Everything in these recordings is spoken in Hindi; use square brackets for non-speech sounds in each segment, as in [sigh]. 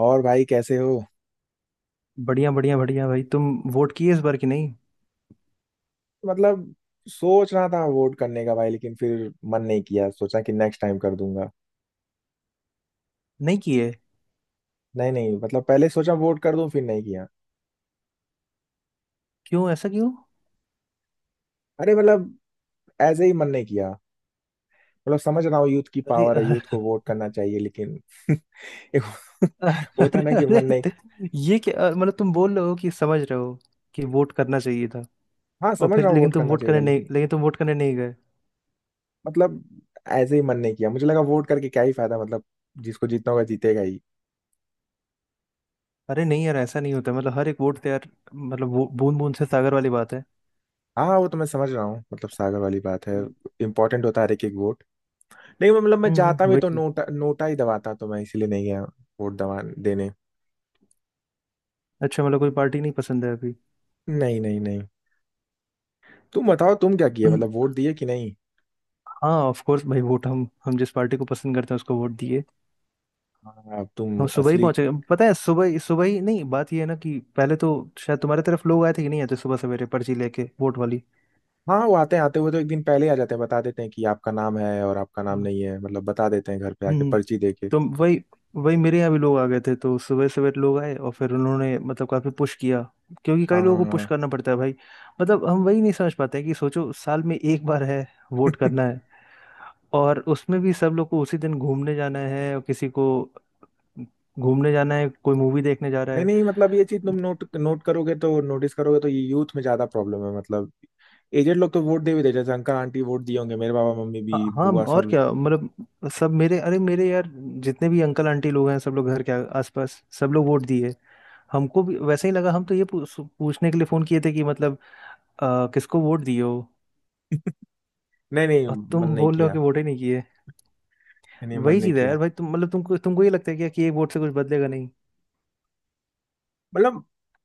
और भाई कैसे हो? बढ़िया बढ़िया बढ़िया भाई। तुम वोट किए इस बार की नहीं? मतलब सोच रहा था वोट करने का भाई, लेकिन फिर मन नहीं किया। सोचा कि नेक्स्ट टाइम कर दूंगा। नहीं किए? नहीं नहीं, मतलब पहले सोचा वोट कर दूं, फिर नहीं किया। क्यों ऐसा क्यों? अरे मतलब ऐसे ही मन नहीं किया। मतलब समझ रहा हूँ यूथ की अरे पावर है, यूथ को [laughs] वोट करना चाहिए, लेकिन [laughs] एक होता है ना अरे कि अरे मन नहीं। ये क्या मतलब, तुम बोल रहे हो कि समझ रहे हो कि वोट करना चाहिए था, हाँ और समझ फिर रहा हूँ लेकिन वोट तुम करना वोट चाहिए था, करने नहीं, लेकिन लेकिन तुम वोट करने नहीं गए? मतलब ऐसे ही मन नहीं किया। मुझे लगा वोट करके क्या ही फायदा, मतलब जिसको जीतना होगा जीतेगा ही। अरे नहीं यार, ऐसा नहीं होता। मतलब हर एक वोट तो यार, मतलब वो बूंद बूंद से सागर वाली बात है। हाँ, वो तो मैं समझ रहा हूँ, मतलब सागर वाली बात है। हम्म। इंपॉर्टेंट होता है हर एक एक वोट। नहीं मतलब मैं जाता भी वही तो चीज। नोटा नोटा ही दबाता, तो मैं इसीलिए नहीं गया वोट दबा देने। अच्छा मतलब कोई पार्टी नहीं पसंद है अभी? नहीं नहीं नहीं, तुम बताओ तुम क्या किए, उन- मतलब वोट दिए कि नहीं? हाँ ऑफ कोर्स भाई, वोट हम जिस पार्टी को पसंद करते हैं उसको वोट दिए। हाँ अब तुम हम सुबह ही असली। पहुंचे, पता है। सुबह ही नहीं, बात ये है ना कि पहले तो शायद तुम्हारे तरफ लोग आए थे कि नहीं आए थे सुबह सवेरे, पर्ची लेके, वोट वाली? हाँ वो आते आते हुए तो एक दिन पहले ही आ जाते हैं, बता देते हैं कि आपका नाम है और आपका नाम हम्म। नहीं है, मतलब बता देते हैं घर पे आके हम्म, पर्ची दे के। तो वही। वही मेरे यहाँ भी लोग आ गए थे, तो सुबह सवेरे लोग आए और फिर उन्होंने मतलब काफी पुश किया, क्योंकि कई हाँ लोगों हाँ, को पुश हाँ। करना पड़ता है भाई। मतलब हम वही नहीं समझ पाते हैं कि सोचो, साल में एक बार है वोट [laughs] करना, है और उसमें भी सब लोग को उसी दिन घूमने जाना है, और किसी को घूमने जाना है, कोई मूवी देखने जा रहा नहीं है। नहीं, मतलब ये चीज तुम नोट नोट करोगे तो नोटिस करोगे तो ये यूथ में ज्यादा प्रॉब्लम है। मतलब एजेड लोग तो वोट दे भी देते, जैसे अंकल आंटी वोट दिए होंगे, मेरे बाबा मम्मी हाँ भी, हाँ, बुआ और सब। क्या। मतलब सब मेरे, अरे मेरे यार जितने भी अंकल आंटी लोग हैं, सब लोग घर के आसपास सब लोग वोट दिए। हमको भी वैसे ही लगा, हम तो ये पूछने के लिए फोन किए थे कि मतलब किसको वोट दिए हो, नहीं नहीं, और मन तुम नहीं बोल रहे हो किया। कि वोट ही नहीं किए। नहीं, मन वही नहीं चीज़ है किया। यार भाई, तुम मतलब तुमको तुमको ये लगता है क्या कि एक वोट से कुछ बदलेगा नहीं? मतलब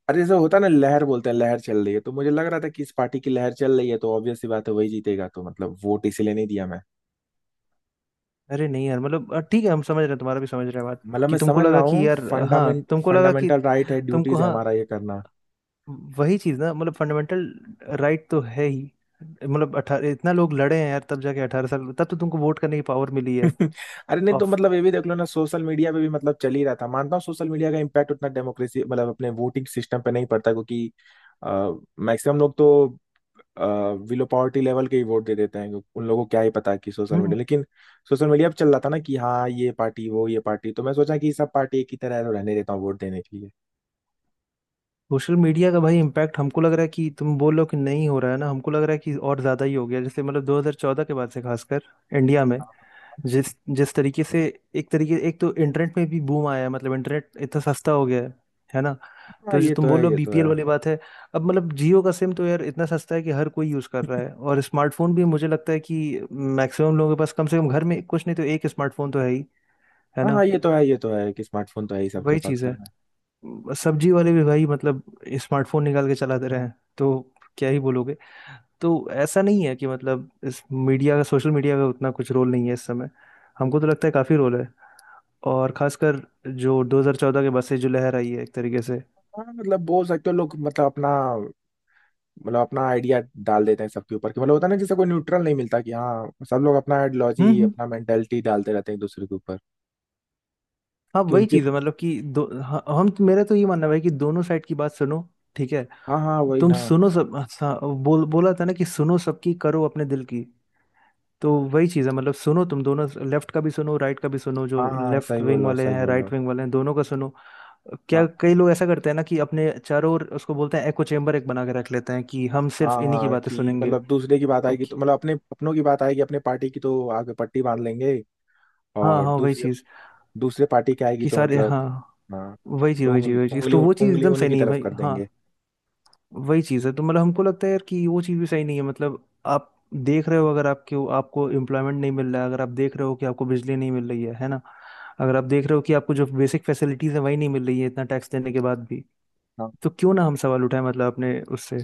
अरे जैसे होता है ना लहर बोलते हैं, लहर चल रही है, तो मुझे लग रहा था कि इस पार्टी की लहर चल रही है, तो ऑब्वियस सी बात है वही जीतेगा, तो मतलब वोट इसीलिए नहीं दिया मैं। अरे नहीं यार, मतलब ठीक है, हम समझ रहे हैं, तुम्हारा भी समझ रहे हैं बात मतलब कि मैं तुमको समझ रहा लगा कि हूँ यार हाँ फंडामेंट तुमको लगा कि फंडामेंटल राइट है, तुमको, ड्यूटीज है हाँ हमारा ये करना। वही चीज ना, मतलब फंडामेंटल राइट तो है ही। मतलब 18, इतना लोग लड़े हैं यार, तब जाके 18 साल, तब तो तुमको वोट करने की पावर मिली है। [laughs] अरे नहीं तो, ऑफ। मतलब ये भी देख लो ना सोशल मीडिया पे भी मतलब चल ही रहा था। मानता हूँ सोशल मीडिया का इम्पैक्ट उतना डेमोक्रेसी मतलब अपने वोटिंग सिस्टम पे नहीं पड़ता, क्योंकि मैक्सिमम लोग तो विलो पावर्टी लेवल के ही वोट दे देते हैं, उन लोगों को क्या ही पता कि सोशल हम्म। मीडिया। लेकिन सोशल मीडिया पे चल रहा था ना कि हाँ ये पार्टी वो ये पार्टी, तो मैं सोचा कि सब पार्टी एक ही तरह है, तो रहने देता हूँ वोट देने के लिए। सोशल मीडिया का भाई इम्पैक्ट, हमको लग रहा है कि तुम बोल रहे हो कि नहीं हो रहा है ना, हमको लग रहा है कि और ज्यादा ही हो गया, जैसे मतलब 2014 के बाद से खासकर इंडिया में, जिस जिस तरीके से। एक तरीके, एक तो इंटरनेट में भी बूम आया है, मतलब इंटरनेट इतना सस्ता हो गया है ना। हाँ तो जो ये तुम तो बोल है, रहे हो ये तो है। बीपीएल वाली बात है, अब मतलब जियो का सिम तो यार इतना सस्ता है कि हर कोई यूज़ कर रहा है, और स्मार्टफोन भी मुझे लगता है कि मैक्सिमम लोगों के पास, कम से कम घर में, कुछ नहीं तो एक स्मार्टफोन तो है ही, है हाँ ना। हाँ, ये तो है कि स्मार्टफोन तो है ही सबके वही पास चीज़ घर है, में। सब्जी वाले भी भाई मतलब स्मार्टफोन निकाल के चलाते रहे हैं, तो क्या ही बोलोगे। तो ऐसा नहीं है कि मतलब इस मीडिया का, सोशल मीडिया का उतना कुछ रोल नहीं है इस समय। हमको तो लगता है काफ़ी रोल है, और खासकर जो 2014 के बसे जो लहर आई है एक तरीके से। हाँ मतलब बोल सकते हो लोग मतलब अपना आइडिया डाल देते हैं सबके ऊपर। कि मतलब होता है ना, जैसे कोई न्यूट्रल नहीं मिलता, कि हाँ सब लोग अपना हम्म। आइडियोलॉजी हम्म। अपना मेंटेलिटी डालते रहते हैं एक दूसरे के ऊपर हाँ कि वही उनकी। चीज़ है मतलब कि दो, हाँ, हम, मेरा तो ये मानना है भाई कि दोनों साइड की बात सुनो। ठीक है, हाँ हाँ, वही तुम ना। सुनो सब, हाँ, बोला था ना कि सुनो सबकी, करो अपने दिल की। तो वही चीज़ है मतलब, सुनो तुम दोनों, लेफ्ट का भी सुनो, राइट का भी सुनो, हाँ जो हाँ, लेफ्ट सही बोल विंग रहे हो वाले सही हैं, बोल रहे राइट हो। विंग वाले हैं, दोनों का सुनो। क्या, हाँ कई लोग ऐसा करते हैं ना कि अपने चारों ओर उसको बोलते हैं एको चेम्बर, एक बना के रख लेते हैं कि हम सिर्फ हाँ इन्हीं की हाँ, बातें कि सुनेंगे। मतलब दूसरे की बात आएगी ओके। तो मतलब अपने, अपनों की बात आएगी, अपने पार्टी की तो आगे पट्टी बांध लेंगे, हाँ और हाँ, वही दूसरे चीज़, दूसरे पार्टी की आएगी कि तो सारे, मतलब हाँ, हाँ, वही चीज तो वही चीज उंगली वही चीज, उंगली तो वो चीज उंगली एकदम सही उन्हीं की नहीं है तरफ भाई, कर हाँ। देंगे। वही चीज है, तो मतलब हमको लगता है यार कि वो चीज भी सही नहीं है। मतलब आप देख रहे हो अगर आपके आपको एम्प्लॉयमेंट नहीं मिल रहा है, अगर आप देख रहे हो कि आपको बिजली नहीं मिल रही है ना। अगर आप देख रहे हो कि आपको जो बेसिक फैसिलिटीज है वही नहीं मिल रही है, इतना टैक्स देने के बाद भी, हाँ। तो क्यों ना हम सवाल उठाएं, मतलब अपने उससे।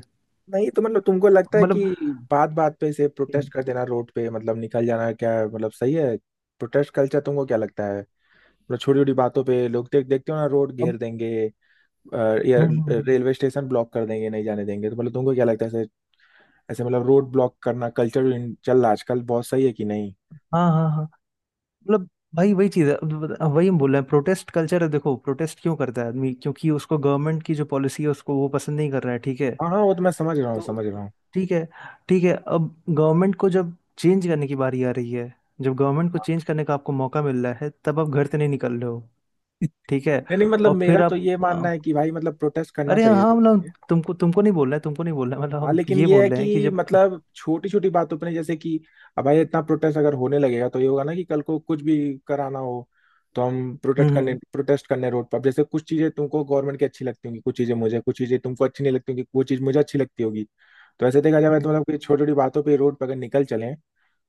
नहीं तो मतलब तुमको लगता है मतलब कि बात बात पे से हम्म, प्रोटेस्ट कर देना रोड पे मतलब निकल जाना क्या है? मतलब सही है? प्रोटेस्ट कल्चर तुमको क्या लगता है, मतलब छोटी छोटी बातों पे लोग देखते हो ना रोड अब घेर देंगे, अ, या हम्म। रेलवे स्टेशन ब्लॉक कर देंगे, नहीं जाने देंगे, तो मतलब तुमको क्या लगता है? ऐसे ऐसे मतलब रोड ब्लॉक करना कल्चर चल रहा है आजकल, बहुत सही है कि नहीं? हाँ हाँ हाँ। मतलब भाई वही चीज़ है, अब वही हम बोल रहे हैं, प्रोटेस्ट कल्चर है, देखो प्रोटेस्ट क्यों करता है आदमी, क्योंकि उसको गवर्नमेंट की जो पॉलिसी है उसको वो पसंद नहीं कर रहा है, ठीक है। हाँ हाँ, वो तो मैं समझ रहा हूँ तो समझ रहा हूँ। ठीक है, ठीक है, अब गवर्नमेंट को जब चेंज करने की बारी आ रही है, जब गवर्नमेंट को चेंज करने का आपको मौका मिल रहा है, तब आप घर से नहीं निकल रहे हो, [laughs] ठीक है। नहीं नहीं, मतलब और मेरा फिर तो आप, ये मानना आप- है कि भाई मतलब प्रोटेस्ट करना अरे चाहिए हाँ, लोगों मतलब को। तुमको तुमको नहीं बोल रहा है, तुमको नहीं बोल रहा है, मतलब हाँ, हम लेकिन ये ये है बोल रहे हैं कि कि जब। मतलब छोटी छोटी बातों पर नहीं, जैसे कि अब भाई इतना प्रोटेस्ट अगर होने लगेगा तो ये होगा ना कि कल को कुछ भी कराना हो तो हम हम्म हम्म प्रोटेस्ट करने रोड पर। अब जैसे कुछ चीजें तुमको गवर्नमेंट की अच्छी लगती होंगी, कुछ चीजें मुझे, कुछ चीजें तुमको अच्छी नहीं लगती होंगी, कुछ चीज मुझे अच्छी लगती होगी। तो ऐसे देखा जाए हम्म। तो मतलब कि छोटी छोटी बातों पर रोड पर अगर निकल चले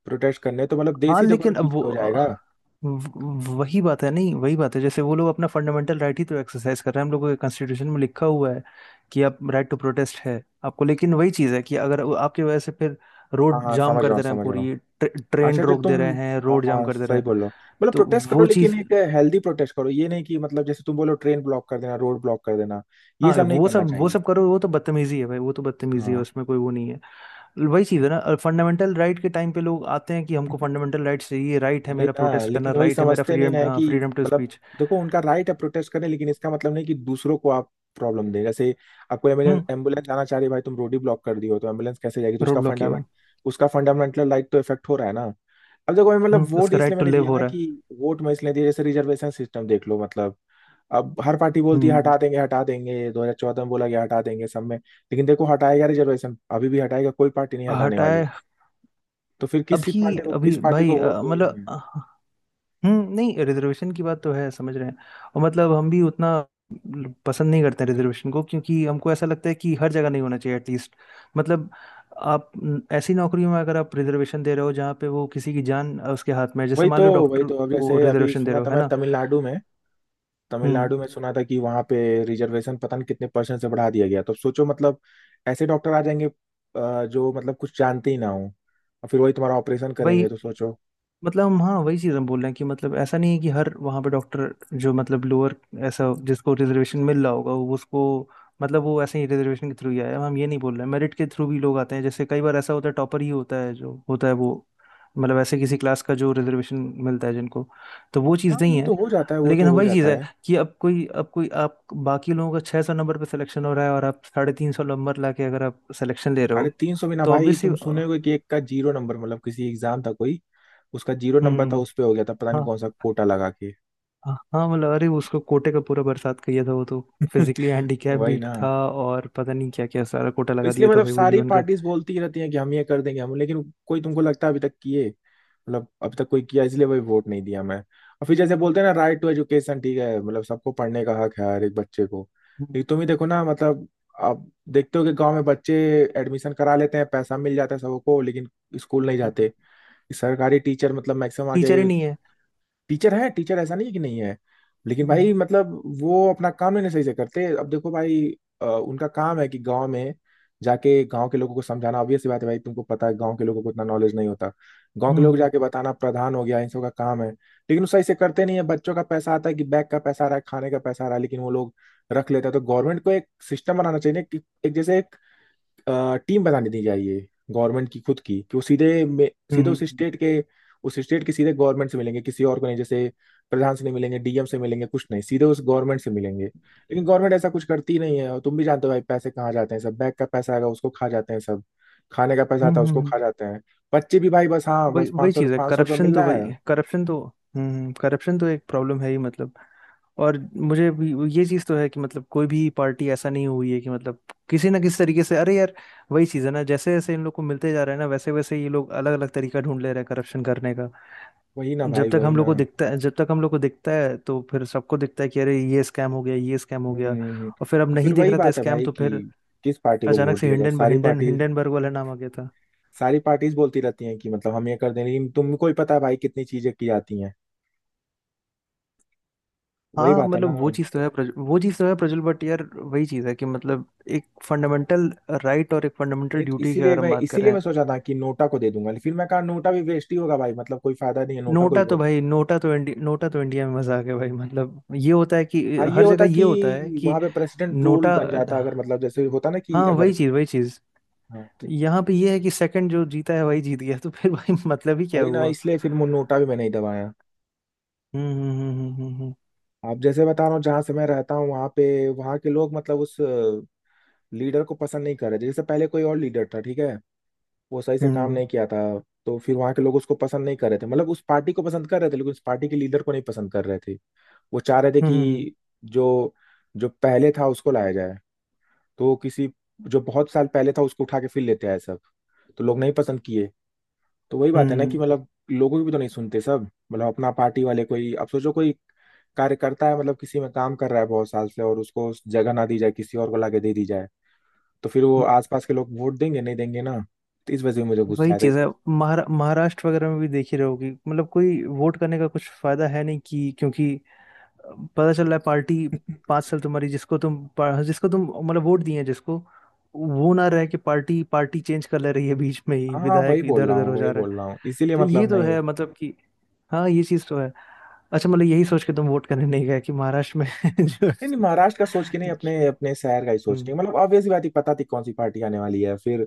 प्रोटेस्ट करने, तो मतलब देश हाँ ही जो है ना लेकिन अब वो, पीछे हो जाएगा। व- वही बात है, नहीं वही बात है, जैसे वो लोग अपना फंडामेंटल राइट ही तो एक्सरसाइज कर रहे हैं, हम लोगों के कॉन्स्टिट्यूशन में लिखा हुआ है कि आप राइट टू प्रोटेस्ट है आपको। लेकिन वही चीज़ है कि अगर वो आपकी वजह से फिर हाँ रोड हाँ, जाम समझ कर रहा हूँ दे रहे हैं, समझ रहा हूँ। पूरी ट्रेन अच्छा जो रोक दे तुम। रहे हैं, हाँ रोड जाम हाँ कर दे रहे सही हैं, बोलो, मतलब तो प्रोटेस्ट करो वो लेकिन चीज़। एक हेल्दी प्रोटेस्ट करो, ये नहीं कि मतलब जैसे तुम बोलो ट्रेन ब्लॉक कर देना रोड ब्लॉक कर देना, ये हाँ सब नहीं वो करना सब, वो चाहिए। सब करो वो तो बदतमीजी है भाई, वो तो बदतमीजी है, हाँ। उसमें कोई वो नहीं है। वही चीज़ है ना, फंडामेंटल राइट के टाइम पे लोग आते हैं कि हमको [laughs] फंडामेंटल राइट चाहिए, राइट है वही मेरा ना, प्रोटेस्ट करना, लेकिन वही राइट है मेरा समझते नहीं ना फ्रीडम, है हाँ, कि फ्रीडम टू मतलब स्पीच। देखो उनका राइट है प्रोटेस्ट करने, लेकिन इसका मतलब नहीं कि दूसरों को आप प्रॉब्लम दें। जैसे आपको एम्बुलेंस एम्बुलेंस आना चाह रही है, भाई तुम रोड ही ब्लॉक कर दी हो, तो एम्बुलेंस कैसे जाएगी? तो रोड उसका ब्लॉक किया हुआ। फंडामेंट उसका फंडामेंटल राइट तो इफेक्ट हो रहा है ना। अब देखो मैं मतलब हम्म, वोट उसका इसलिए राइट टू मैंने लिव दिया हो ना रहा है। कि वोट मैं इसलिए दिया, जैसे रिजर्वेशन सिस्टम देख लो, मतलब अब हर पार्टी बोलती है हम्म, हटा देंगे हटा देंगे, 2014 में बोला गया हटा देंगे, सब में। लेकिन देखो हटाएगा रिजर्वेशन अभी भी, हटाएगा कोई पार्टी नहीं हटाने हटाए। वाली। तो फिर किस अभी पार्टी को, किस अभी पार्टी भाई, को वोट दूंगी मतलब मैं? हम्म, नहीं रिजर्वेशन की बात तो है, समझ रहे हैं। और मतलब हम भी उतना पसंद नहीं करते हैं रिजर्वेशन को, क्योंकि हमको ऐसा लगता है कि हर जगह नहीं होना चाहिए एटलीस्ट। मतलब आप न, ऐसी नौकरियों में अगर आप रिजर्वेशन दे रहे हो जहाँ पे वो किसी की जान उसके हाथ में है, जैसे वही तो मान लो वही डॉक्टर तो, अब को जैसे अभी रिजर्वेशन दे सुना रहे हो, था है मैं ना। तमिलनाडु में, हम्म। तमिलनाडु में सुना था कि वहां पे रिजर्वेशन पता नहीं कितने परसेंट से बढ़ा दिया गया, तो सोचो मतलब ऐसे डॉक्टर आ जाएंगे जो मतलब कुछ जानते ही ना हो, और फिर वही तुम्हारा ऑपरेशन भाई करेंगे, तो सोचो। मतलब हम, हाँ वही चीज़ हम बोल रहे हैं कि मतलब ऐसा नहीं है कि हर वहाँ पे डॉक्टर जो मतलब लोअर, ऐसा जिसको रिजर्वेशन मिल रहा होगा वो उसको, मतलब वो ऐसे ही रिजर्वेशन के थ्रू ही आया है। हम ये नहीं बोल रहे हैं, मेरिट के थ्रू भी लोग आते हैं, जैसे कई बार ऐसा होता है टॉपर ही होता है जो होता है, वो मतलब ऐसे किसी क्लास का जो रिजर्वेशन मिलता है जिनको, तो वो चीज़ हाँ वो नहीं है। तो हो जाता है, वो लेकिन तो हो वही चीज़ जाता है है। कि अब कोई, अब कोई, आप बाकी लोगों का 600 नंबर पे सिलेक्शन हो रहा है, और आप 350 नंबर ला के अगर आप सिलेक्शन ले रहे अरे हो, तीन सौ बिना तो भाई, ऑब्वियसली। तुम सुने होगे कि एक का जीरो नंबर, मतलब किसी एग्जाम था कोई, उसका जीरो नंबर था, हम्म। उस पे हो गया था, पता नहीं हाँ। कौन सा कोटा लगा के। हाँ मतलब अरे, उसको कोटे का पूरा बरसात किया था वो तो, फिजिकली [laughs] हैंडीकैप वही भी ना, था और पता नहीं क्या क्या सारा कोटा तो लगा इसलिए दिया था मतलब भाई वो सारी जीवन का। पार्टीज बोलती ही रहती हैं कि हम ये कर देंगे हम, लेकिन कोई तुमको लगता है अभी तक किए? मतलब अभी तक कोई किया? इसलिए वही वोट नहीं दिया मैं। और फिर जैसे बोलते हैं ना राइट टू एजुकेशन, ठीक है मतलब सबको पढ़ने का हक है हर एक बच्चे को, हम्म, लेकिन तुम ही देखो ना मतलब आप देखते हो कि गांव में बच्चे एडमिशन करा लेते हैं, पैसा मिल जाता है सबको, लेकिन स्कूल नहीं हम्म, जाते। सरकारी टीचर मतलब मैक्सिमम आगे, टीचर ही नहीं है। टीचर है, टीचर ऐसा नहीं है कि नहीं है, लेकिन हम्म, भाई मतलब वो अपना काम नहीं सही से करते। अब देखो भाई उनका काम है कि गांव में जाके गांव के लोगों को समझाना। ऑब्वियस सी बात है भाई, तुमको पता है गांव के लोगों को उतना नॉलेज नहीं होता। गांव के हम्म, लोग जाके हम्म, बताना, प्रधान हो गया, इन सब का काम है, लेकिन वो सही से करते नहीं है। बच्चों का पैसा आता है कि बैग का पैसा आ रहा है, खाने का पैसा आ रहा है, लेकिन वो लोग रख लेता है। तो गवर्नमेंट को एक सिस्टम बनाना चाहिए ना कि एक, जैसे एक टीम बनानी दी चाहिए गवर्नमेंट की खुद की, कि वो सीधे उस स्टेट हम्म, के, उस स्टेट के सीधे गवर्नमेंट से मिलेंगे, किसी और को नहीं। जैसे प्रधान से नहीं मिलेंगे, डीएम से मिलेंगे कुछ नहीं, सीधे उस गवर्नमेंट से मिलेंगे। लेकिन गवर्नमेंट ऐसा कुछ करती ही नहीं है, और तुम भी जानते हो भाई पैसे कहाँ जाते हैं। सब बैंक का पैसा आएगा उसको खा जाते हैं सब, खाने का पैसा हम्म, आता है हम्म, उसको खा हम्म। जाते हैं। बच्चे भी भाई बस, हाँ वही, बस वही चीज है, पाँच सौ रुपये करप्शन मिल तो रहा है। भाई, करप्शन तो। हम्म, करप्शन तो एक प्रॉब्लम है ही मतलब। और मुझे भी ये चीज तो है कि मतलब कोई भी पार्टी ऐसा नहीं हुई है कि मतलब किसी ना किसी तरीके से, अरे यार वही चीज है ना, जैसे जैसे इन लोग को मिलते जा रहा है ना, वैसे वैसे ये लोग अलग अलग तरीका ढूंढ ले रहे हैं करप्शन करने का। वही ना भाई, वही ना। जब तक हम लोग को दिखता है, तो फिर सबको दिखता है कि अरे ये स्कैम हो गया, ये स्कैम हो गया, हम्म। और फिर अब तो फिर नहीं दिख वही रहा था बात है स्कैम, भाई तो कि फिर किस पार्टी को अचानक वोट से दिया जाए? हिंडन सारी हिंडन पार्टी, हिंडनबर्ग वाला नाम आ गया था। सारी पार्टीज बोलती रहती हैं कि मतलब हम ये कर दें, लेकिन तुमको ही पता है भाई कितनी चीजें की जाती हैं। वही हाँ बात है ना। मतलब वो चीज़ तो है वो चीज़ तो है प्रज्वल, बट यार वही चीज़ है कि मतलब एक फंडामेंटल राइट और एक फंडामेंटल नहीं तो ड्यूटी की इसीलिए अगर हम मैं, बात इसीलिए करें। मैं सोचा था कि नोटा को दे दूंगा, लेकिन फिर मैं कहा नोटा भी वेस्ट ही होगा भाई, मतलब कोई फायदा नहीं है नोटा को ही नोटा तो वोट। भाई, नोटा तो इंडिया में मजाक है भाई, मतलब ये होता है कि हाँ ये हर जगह होता ये होता है कि कि वहां पे प्रेसिडेंट रूल नोटा। बन जाता अगर, मतलब जैसे होता ना कि हाँ अगर। वही चीज़, वही चीज़। हाँ तो यहाँ पे ये है कि सेकंड जो जीता है वही जीत गया, तो फिर भाई [laughs] मतलब ही क्या वही ना, हुआ। इसलिए फिर नोटा भी मैं नहीं दबाया। हम्म हम्म हम्म आप जैसे बता रहा हूँ, जहाँ से मैं रहता हूँ वहां पे, वहां के लोग मतलब उस लीडर को पसंद नहीं कर रहे थे। जैसे पहले कोई और लीडर था, ठीक है, वो सही से काम हम्म नहीं किया था, तो फिर वहां के लोग उसको पसंद नहीं कर रहे थे, मतलब उस पार्टी को पसंद कर रहे थे, लेकिन उस पार्टी के लीडर को नहीं पसंद कर रहे थे। वो चाह रहे थे हम्म हम्म हम्म, हम्म। कि जो जो पहले था उसको लाया जाए। तो वो किसी जो बहुत साल पहले था उसको उठा के फिर लेते आए सब, तो लोग नहीं पसंद किए। तो वही हम्म, बात है ना हम्म, कि मतलब लोगों की भी तो नहीं सुनते सब, मतलब अपना पार्टी वाले कोई। अब सोचो कोई कार्यकर्ता है मतलब किसी में काम कर रहा है बहुत साल से, और उसको जगह ना दी जाए, किसी और को लाके दे दी जाए, तो फिर वो हम्म। आसपास के लोग वोट देंगे नहीं देंगे ना। तो इस वजह से मुझे गुस्सा वही आता चीज है। है, महाराष्ट्र वगैरह में भी देख ही रहोगी, मतलब कोई वोट करने का कुछ फायदा है नहीं कि, क्योंकि पता चल रहा है पार्टी, 5 साल तुम्हारी जिसको तुम जिसको तुम मतलब वोट दिए हैं, जिसको वो ना रहे कि पार्टी, पार्टी चेंज कर ले रही है बीच में ही, हाँ विधायक वही बोल इधर रहा उधर हूँ, हो वही जा रहा है। बोल रहा हूँ, इसीलिए तो मतलब ये तो नहीं। है मतलब कि, हाँ ये चीज तो है। अच्छा मतलब यही सोच के तुम वोट करने नहीं गए कि महाराष्ट्र में [laughs] जो। नहीं नहीं, महाराष्ट्र का सोच के नहीं, अपने अपने शहर का ही सोच के। हम्म मतलब ऑब्वियस बात है पता थी कौन सी पार्टी आने वाली है। फिर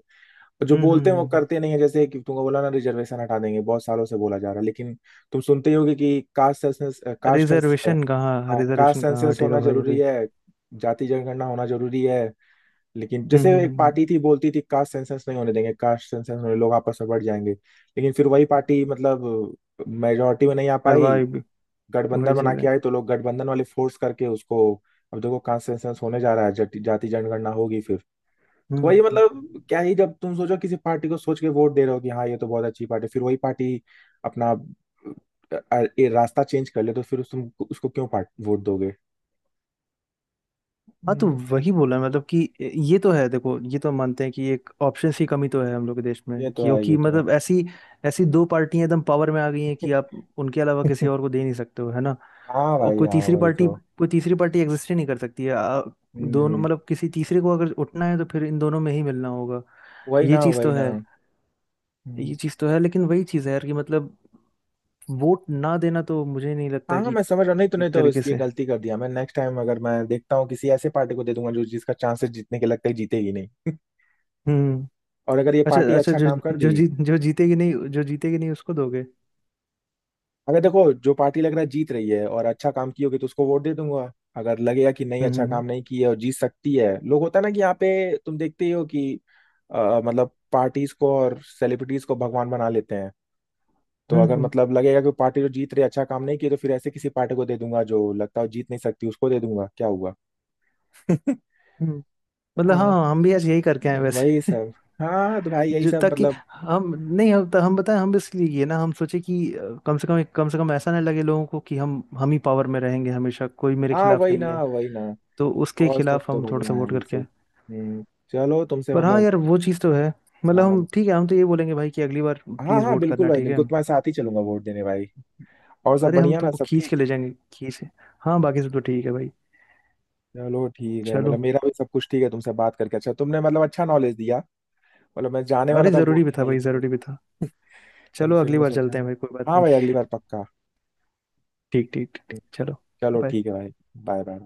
जो हम्म हम्म बोलते हैं वो हम्म, हम्म। करते नहीं है, जैसे कि तुमको बोला ना रिजर्वेशन हटा देंगे, बहुत सालों से बोला जा रहा है, लेकिन तुम सुनते ही होगे कि caste census caste census reservation कहाँ, हाँ, कास्ट रिजर्वेशन कहाँ सेंसस हटेगा होना भाई जरूरी अभी। है, जाति जनगणना होना जरूरी है। लेकिन हम्म जैसे हम्म एक हम्म, पार्टी थी बोलती थी कास्ट सेंसस नहीं होने देंगे, कास्ट सेंसस होने लोग आपस में बढ़ जाएंगे, लेकिन फिर वही हम्म। पार्टी मतलब मेजोरिटी में नहीं आ पाई, करवाए भी। गठबंधन वही बना चीज के है। आए, तो लोग गठबंधन वाले फोर्स करके उसको। अब देखो कहाँ सेंसेस होने जा रहा है, जाति जाति जनगणना होगी फिर। तो वही हम्म। मतलब क्या ही, जब तुम सोचो किसी पार्टी को सोच के वोट दे रहे हो कि हाँ ये तो बहुत अच्छी पार्टी, फिर वही पार्टी अपना ये रास्ता चेंज कर ले, तो फिर उस तुम उसको क्यों पार्ट वोट दोगे? हाँ तो हम्म, वही बोला मतलब कि ये तो है, देखो ये तो मानते हैं कि एक ऑप्शंस की कमी तो है हम लोग के देश ये में, तो है, क्योंकि ये तो है। मतलब ऐसी, ऐसी दो पार्टियां एकदम पावर में आ गई हैं कि आप उनके अलावा किसी [laughs] और को दे नहीं सकते हो, है ना। हाँ और भाई, कोई हाँ तीसरी वही पार्टी, तो। कोई तीसरी पार्टी एग्जिस्ट ही नहीं कर सकती है। दोनों हम्म, मतलब, किसी तीसरे को अगर उठना है तो फिर इन दोनों में ही मिलना होगा। वही ये ना, चीज़ वही तो ना। है, ये चीज़ तो है, लेकिन वही चीज़ है यार कि मतलब वोट ना देना तो मुझे नहीं लगता हाँ हाँ, कि। मैं समझ रहा हूँ, नहीं तो नहीं एक तो तरीके इसकी से। गलती कर दिया मैं, नेक्स्ट टाइम अगर मैं देखता हूँ किसी ऐसे पार्टी को दे दूंगा जो जिसका चांसेस जीतने के लगता है जीतेगी नहीं। [laughs] हम्म। और अगर ये अच्छा पार्टी अच्छा, अच्छा जो काम कर दी, जो जीत, जो जीतेगी नहीं, जो जीतेगी नहीं उसको दोगे? अगर देखो जो पार्टी लग रहा है जीत रही है और अच्छा काम की होगी, तो उसको वोट दे दूंगा। अगर लगेगा कि नहीं हम्म अच्छा हम्म काम नहीं की है और जीत सकती है, लोग होता है ना कि यहाँ पे तुम देखते ही हो कि मतलब पार्टीज को और सेलिब्रिटीज को भगवान बना लेते हैं, तो हम्म अगर हम्म, मतलब लगेगा कि पार्टी जो जीत रही है अच्छा काम नहीं किया, तो फिर ऐसे किसी पार्टी को दे दूंगा जो लगता है जीत नहीं सकती, उसको दे दूंगा क्या हुआ। [laughs] हम्म। मतलब हाँ हाँ, हम भी आज यही करके आए वही वैसे। सब। हाँ तो भाई [laughs] यही जो, सब ताकि मतलब, हम नहीं, हम बताएं, हम इसलिए ये ना, हम सोचे कि कम से कम ऐसा ना लगे लोगों को कि हम ही पावर में रहेंगे हमेशा, कोई मेरे हाँ खिलाफ वही नहीं ना, है। वही ना। तो उसके और सब खिलाफ तो हम थोड़ा बढ़िया सा है वोट करके वैसे। आए। हम्म, चलो तुमसे पर हाँ मतलब। यार, वो चीज़ तो है, मतलब हम, हाँ ठीक है, हम तो ये बोलेंगे भाई कि अगली बार हाँ प्लीज़ हाँ, वोट बिल्कुल करना, भाई ठीक है। बिल्कुल, तुम्हारे साथ ही चलूंगा वोट देने भाई। और सब अरे हम बढ़िया ना, तुमको सब खींच ठीक? के ले जाएंगे, खींच। हाँ बाकी सब तो ठीक है भाई, चलो ठीक है, चलो। मतलब मेरा भी सब कुछ ठीक है। तुमसे बात करके अच्छा, तुमने मतलब अच्छा नॉलेज दिया। मतलब मैं जाने वाला अरे था वोट जरूरी भी था देने भाई, लेकिन, जरूरी भी था। लेकिन चलो, फिर अगली मैं बार चलते सोचा। हैं भाई, कोई बात हाँ नहीं। भाई, अगली बार पक्का। ठीक ठीक ठीक ठीक, चलो। चलो bye। ठीक है भाई। Bye bye.